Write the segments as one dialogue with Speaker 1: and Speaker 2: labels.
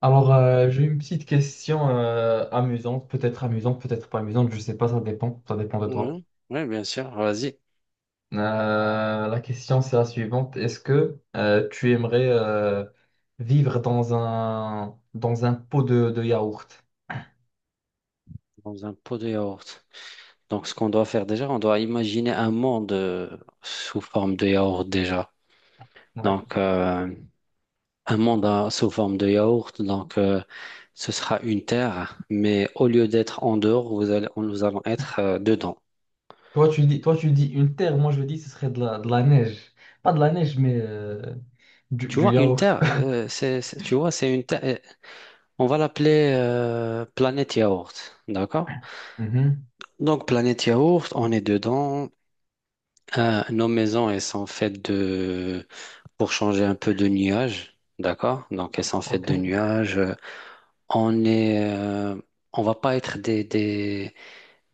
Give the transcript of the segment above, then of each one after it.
Speaker 1: J'ai une petite question amusante, peut-être pas amusante, je sais pas, ça dépend de toi.
Speaker 2: Ouais, ouais, bien sûr. Vas-y,
Speaker 1: La question, c'est la suivante. Est-ce que tu aimerais vivre dans un pot de yaourt?
Speaker 2: dans un pot de yaourt. Donc, ce qu'on doit faire déjà, on doit imaginer un monde sous forme de yaourt déjà.
Speaker 1: Ouais.
Speaker 2: Donc, euh, un monde sous forme de yaourt. Donc, ce sera une terre, mais au lieu d'être en dehors, nous allons être dedans.
Speaker 1: Toi, tu dis une terre, moi, je dis ce serait de la neige. Pas de la neige, mais du,
Speaker 2: Tu
Speaker 1: du
Speaker 2: vois, une
Speaker 1: yaourt.
Speaker 2: terre, tu vois, c'est une terre. On va l'appeler planète yaourt, d'accord?
Speaker 1: Mhm.
Speaker 2: Donc, planète yaourt, on est dedans. Nos maisons, elles sont faites de, pour changer un peu, de nuages, d'accord? Donc, elles sont faites
Speaker 1: Ok,
Speaker 2: de nuages. On est, euh, on va pas être des, des,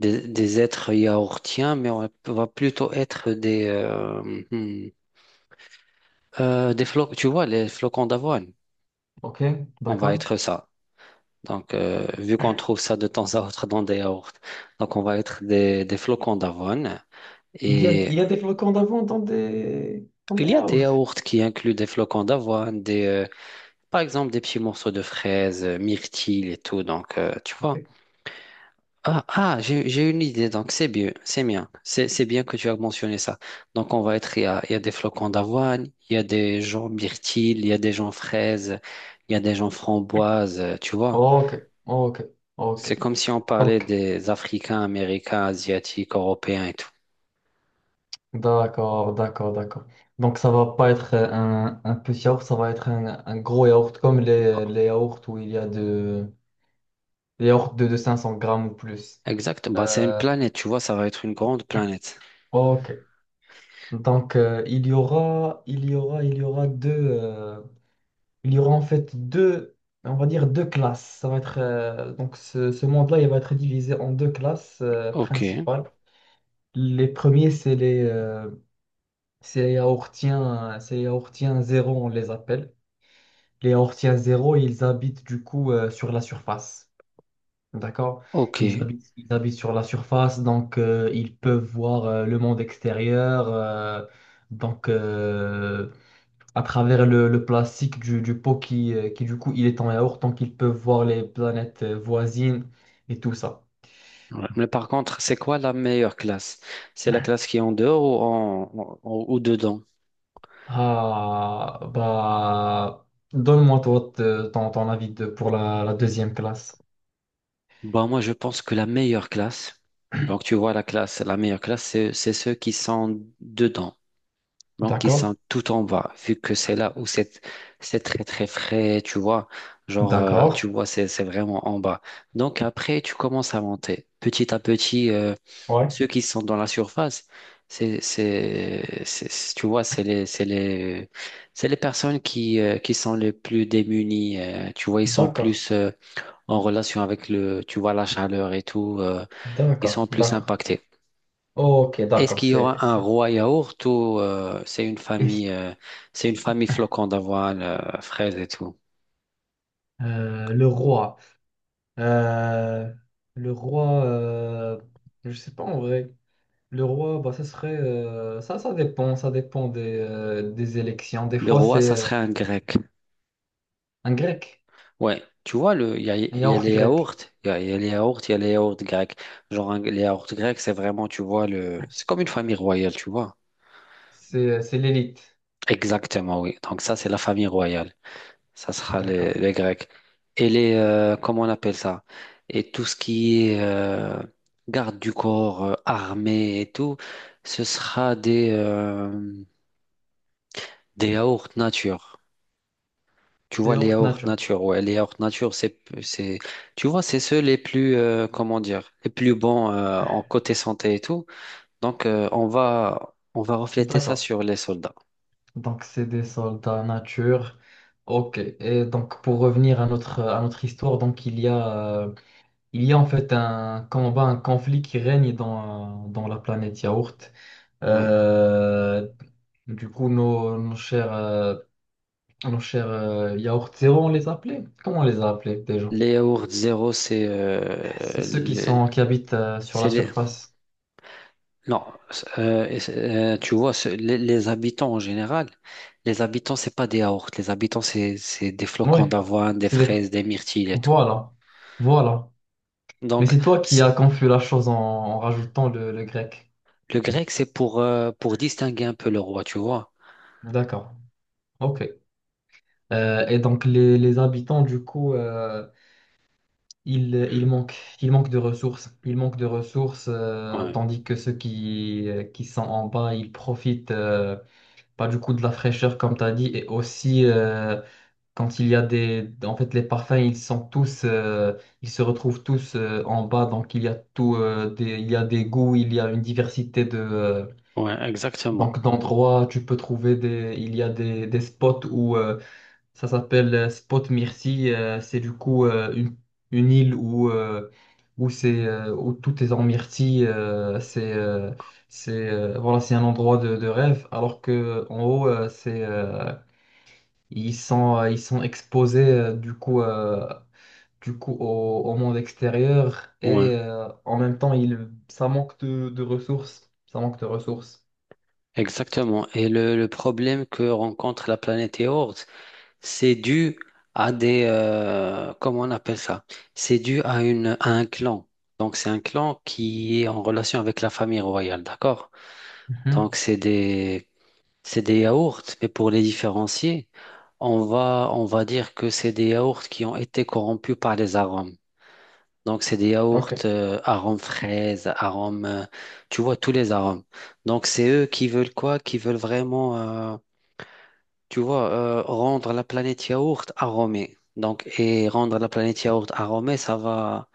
Speaker 2: des, des êtres yaourtiens, mais on va plutôt être des, hmm, des flocons, tu vois, les flocons d'avoine.
Speaker 1: ok,
Speaker 2: On va
Speaker 1: d'accord.
Speaker 2: être ça. Donc, vu qu'on trouve ça de temps à autre dans des yaourts, donc on va être des flocons d'avoine.
Speaker 1: Il y a,
Speaker 2: Et
Speaker 1: il y a des flocons d'avant dans des, dans
Speaker 2: il
Speaker 1: des
Speaker 2: y a des
Speaker 1: yaourts.
Speaker 2: yaourts qui incluent des flocons d'avoine, par exemple, des petits morceaux de fraises, myrtilles et tout. Donc, tu
Speaker 1: Ok.
Speaker 2: vois. Ah, ah, j'ai une idée. Donc, c'est bien. C'est bien. C'est bien que tu as mentionné ça. Donc, on va être, il y a des flocons d'avoine, il y a des gens myrtilles, il y a des gens fraises, il y a des gens framboises, tu vois.
Speaker 1: Ok, ok, ok.
Speaker 2: C'est comme si on parlait
Speaker 1: Donc,
Speaker 2: des Africains, Américains, Asiatiques, Européens et tout.
Speaker 1: d'accord, d'accord, d'accord. Donc, ça va pas être un petit yaourt, ça va être un gros yaourt, comme les yaourts où il y a les yaourts de 500 grammes ou plus.
Speaker 2: Exact. Bah, c'est une
Speaker 1: Euh,
Speaker 2: planète, tu vois. Ça va être une grande planète.
Speaker 1: ok. Donc, il y aura, il y aura, il y aura deux, il y aura en fait deux, on va dire deux classes. Ça va être, ce monde-là, il va être divisé en deux classes,
Speaker 2: Ok.
Speaker 1: principales. Les premiers, c'est c'est les yaourtiens, c'est les yaourtiens zéro, on les appelle. Les yaourtiens zéro, ils habitent du coup sur la surface. D'accord?
Speaker 2: Ok.
Speaker 1: Ils habitent sur la surface, donc ils peuvent voir le monde extérieur. Donc euh, à travers le plastique du pot qui du coup il est en yaourt, donc ils peuvent voir les planètes voisines et tout ça.
Speaker 2: Ouais. Mais par contre, c'est quoi la meilleure classe? C'est la classe qui est en dehors ou dedans?
Speaker 1: Ah bah donne-moi ton avis pour la deuxième classe.
Speaker 2: Bah, moi, je pense que la meilleure classe, donc tu vois la classe, la meilleure classe, c'est ceux qui sont dedans. Donc, ils
Speaker 1: D'accord,
Speaker 2: sont tout en bas, vu que c'est là où c'est très très frais, tu vois. Genre,
Speaker 1: d'accord,
Speaker 2: tu vois, c'est vraiment en bas. Donc, après, tu commences à monter. Petit à petit,
Speaker 1: ouais,
Speaker 2: ceux qui sont dans la surface, tu vois, c'est les personnes qui sont les plus démunies. Tu vois, ils sont
Speaker 1: d'accord,
Speaker 2: plus en relation avec le, tu vois, la chaleur et tout. Ils
Speaker 1: d'accord,
Speaker 2: sont plus
Speaker 1: d'accord.
Speaker 2: impactés.
Speaker 1: Ok,
Speaker 2: Est-ce
Speaker 1: d'accord,
Speaker 2: qu'il y aura un roi yaourt ou
Speaker 1: et- c'est-
Speaker 2: c'est une famille flocon d'avoine, fraises et tout?
Speaker 1: le roi. euh, le roi, je sais pas en vrai. Le roi, bah, ça serait, ça dépend des élections. Des
Speaker 2: Le
Speaker 1: fois,
Speaker 2: roi,
Speaker 1: c'est
Speaker 2: ça serait un grec.
Speaker 1: un grec,
Speaker 2: Ouais, tu vois, le,
Speaker 1: un
Speaker 2: il y a
Speaker 1: yaourt
Speaker 2: les
Speaker 1: grec.
Speaker 2: yaourts, il y a les yaourts, il y a les yaourts grecs. Genre, les yaourts grecs, c'est vraiment, tu vois, c'est comme une famille royale, tu vois.
Speaker 1: C'est l'élite.
Speaker 2: Exactement, oui. Donc ça, c'est la famille royale. Ça sera
Speaker 1: D'accord.
Speaker 2: les Grecs. Et les, comment on appelle ça? Et tout ce qui est garde du corps, armée et tout, ce sera des yaourts nature. Tu vois, les
Speaker 1: Yaourt
Speaker 2: yaourts
Speaker 1: nature.
Speaker 2: nature, ouais, les yaourts nature, tu vois, c'est ceux les plus, comment dire, les plus bons en côté santé et tout. Donc, on va refléter ça
Speaker 1: D'accord.
Speaker 2: sur les soldats.
Speaker 1: Donc, c'est des soldats nature. Ok. Et donc, pour revenir à notre histoire, donc, il y a en fait un combat, un conflit qui règne dans la planète Yaourt.
Speaker 2: Ouais.
Speaker 1: Euh, du coup, nos, nos chers Yaourt Zéro, on les appelait? Comment on les a appelés déjà?
Speaker 2: Les yaourts zéro, c'est
Speaker 1: C'est ceux qui sont, qui habitent sur la
Speaker 2: c'est les-
Speaker 1: surface.
Speaker 2: non, tu vois, les habitants en général, les habitants, c'est pas des yaourts. Les habitants, c'est des
Speaker 1: Oui.
Speaker 2: flocons d'avoine, des
Speaker 1: C'est des...
Speaker 2: fraises, des myrtilles et tout.
Speaker 1: Voilà. Voilà. Mais
Speaker 2: Donc,
Speaker 1: c'est toi qui
Speaker 2: c-
Speaker 1: as confus la chose en rajoutant le grec.
Speaker 2: le grec, c'est pour distinguer un peu le roi, tu vois.
Speaker 1: D'accord. Ok. Et donc les habitants, du coup, ils, ils manquent, ils manquent de ressources. Ils manquent de ressources,
Speaker 2: Ouais,
Speaker 1: tandis que ceux qui sont en bas, ils profitent pas du coup de la fraîcheur, comme tu as dit. Et aussi, quand il y a des... En fait, les parfums, ils sont tous... ils se retrouvent tous en bas. Donc, il y a tout... il y a des goûts, il y a une diversité de...
Speaker 2: ouais, exactement.
Speaker 1: donc, d'endroits, tu peux trouver des... Il y a des spots où... Ça s'appelle Spot Myrcy. C'est du coup une île où, où, c'est, où tout est en myrtille. C'est Voilà, c'est un endroit de rêve. Alors que en haut, ils sont exposés du coup au, au monde extérieur
Speaker 2: Ouais,
Speaker 1: et en même temps, ils, ça manque de ressources. Ça manque de ressources.
Speaker 2: exactement. Et le problème que rencontre la planète yaourt, c'est dû à des, comment on appelle ça? C'est dû à à un clan. Donc, c'est un clan qui est en relation avec la famille royale, d'accord? Donc,
Speaker 1: Mhm.
Speaker 2: c'est des yaourts, mais pour les différencier, on va dire que c'est des yaourts qui ont été corrompus par les arômes. Donc, c'est des yaourts
Speaker 1: Ok.
Speaker 2: arômes fraises, arômes, tu vois, tous les arômes. Donc, c'est eux qui veulent quoi? Qui veulent vraiment, rendre la planète yaourt aromée. Donc, et rendre la planète yaourt aromée, ça va,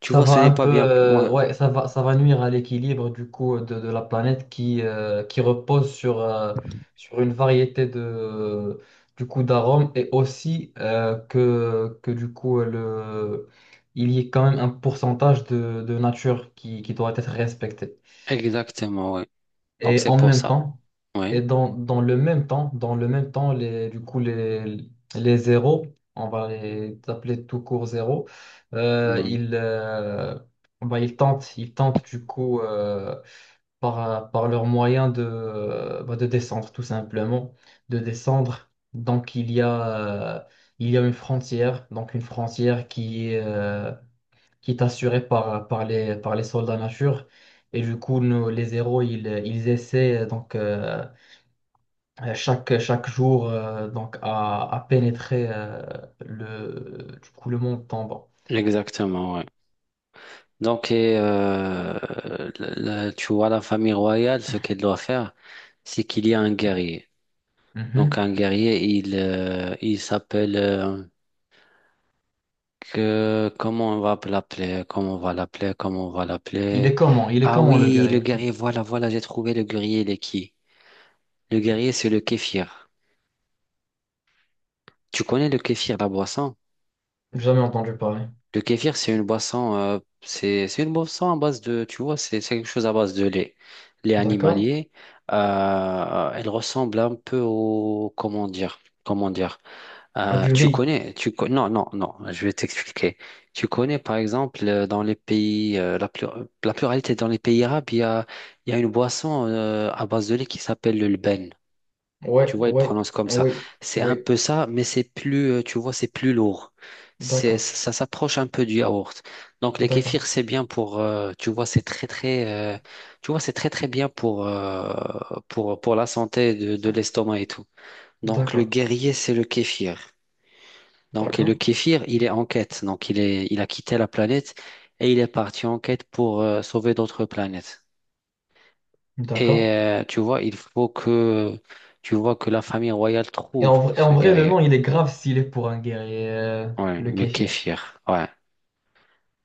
Speaker 2: tu
Speaker 1: Ça
Speaker 2: vois, ce
Speaker 1: va
Speaker 2: n'est
Speaker 1: un
Speaker 2: pas
Speaker 1: peu,
Speaker 2: bien. Ouais,
Speaker 1: ouais, ça va nuire à l'équilibre du coup de la planète qui repose sur une variété du coup d'arômes et aussi que du coup il y ait quand même un pourcentage de nature qui doit être respecté.
Speaker 2: exactement, oui. Donc,
Speaker 1: Et
Speaker 2: c'est
Speaker 1: en
Speaker 2: pour
Speaker 1: même
Speaker 2: ça.
Speaker 1: temps, et
Speaker 2: Oui.
Speaker 1: dans le même temps, les zéros, on va les appeler tout court zéros, euh,
Speaker 2: Oui.
Speaker 1: ils, euh, bah, ils tentent du coup par leurs moyens de, bah, de descendre, tout simplement, de descendre. Donc il y a une frontière, donc une frontière qui est assurée par les soldats nature. Et du coup, nous, les zéros, ils essaient donc chaque jour donc à pénétrer du coup, le monde tombant.
Speaker 2: Exactement. Donc, et, la- tu vois, la famille royale, ce qu'elle doit faire, c'est qu'il y a un guerrier. Donc,
Speaker 1: Mhm.
Speaker 2: un guerrier, il s'appelle, comment on va l'appeler, comment on va l'appeler, comment on va
Speaker 1: Il est
Speaker 2: l'appeler.
Speaker 1: comment? Il est
Speaker 2: Ah
Speaker 1: comment le
Speaker 2: oui, le
Speaker 1: guerrier?
Speaker 2: guerrier, voilà, voilà, j'ai trouvé le guerrier, il est qui? Le guerrier, c'est le kéfir. Tu connais le kéfir, la boisson?
Speaker 1: Jamais entendu parler.
Speaker 2: Le kéfir, c'est une boisson, c'est une boisson à base de, tu vois, c'est quelque chose à base de lait. Lait
Speaker 1: D'accord?
Speaker 2: animalier, elle ressemble un peu au, comment dire,
Speaker 1: Ah, du
Speaker 2: tu
Speaker 1: riz.
Speaker 2: connais, tu con- non, non, non, je vais t'expliquer. Tu connais, par exemple, dans les pays, la pluralité dans les pays arabes, il y a une boisson, à base de lait qui s'appelle le lben. Tu
Speaker 1: Ouais,
Speaker 2: vois, ils
Speaker 1: ouais,
Speaker 2: prononcent comme ça.
Speaker 1: oui,
Speaker 2: C'est un
Speaker 1: oui.
Speaker 2: peu ça, mais c'est plus, tu vois, c'est plus lourd.
Speaker 1: D'accord,
Speaker 2: Ça s'approche un peu du yaourt. Donc, les
Speaker 1: d'accord,
Speaker 2: kéfirs, c'est bien pour, tu vois, c'est très, très bien pour, pour la santé de
Speaker 1: d'accord,
Speaker 2: l'estomac et tout. Donc, le guerrier, c'est le kéfir. Donc, et le
Speaker 1: d'accord,
Speaker 2: kéfir, il est en quête. Donc, il a quitté la planète et il est parti en quête pour, sauver d'autres planètes. Et,
Speaker 1: d'accord.
Speaker 2: tu vois, que la famille royale
Speaker 1: Et en,
Speaker 2: trouve
Speaker 1: vrai- et en
Speaker 2: ce
Speaker 1: vrai, le nom,
Speaker 2: guerrier.
Speaker 1: il est grave s'il est pour un guerrier,
Speaker 2: Ouais,
Speaker 1: le
Speaker 2: le
Speaker 1: kéfir.
Speaker 2: kéfir. Ouais.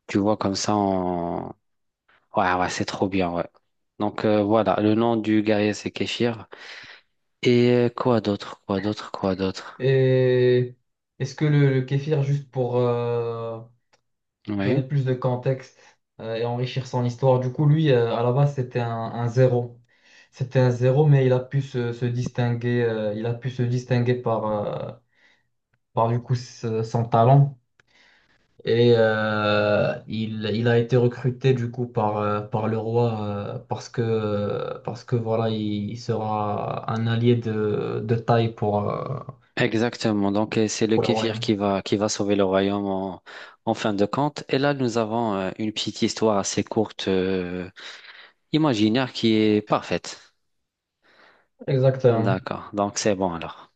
Speaker 2: Tu vois comme ça on... Ouais, ouais, c'est trop bien, ouais. Donc voilà, le nom du guerrier c'est kéfir. Et quoi d'autre? Quoi d'autre? Quoi d'autre?
Speaker 1: Et est-ce que le kéfir, juste pour donner
Speaker 2: Oui.
Speaker 1: plus de contexte et enrichir son histoire. Du coup, lui, à la base, c'était un zéro. C'était un zéro, mais il a pu se distinguer, il a pu se distinguer par, son talent. Et il a été recruté du coup par, par le roi parce que voilà, il sera un allié de taille
Speaker 2: Exactement. Donc c'est le
Speaker 1: pour le
Speaker 2: kéfir
Speaker 1: royaume.
Speaker 2: qui va sauver le royaume en, en fin de compte. Et là nous avons une petite histoire assez courte, imaginaire qui est parfaite.
Speaker 1: Exactement.
Speaker 2: D'accord. Donc c'est bon alors.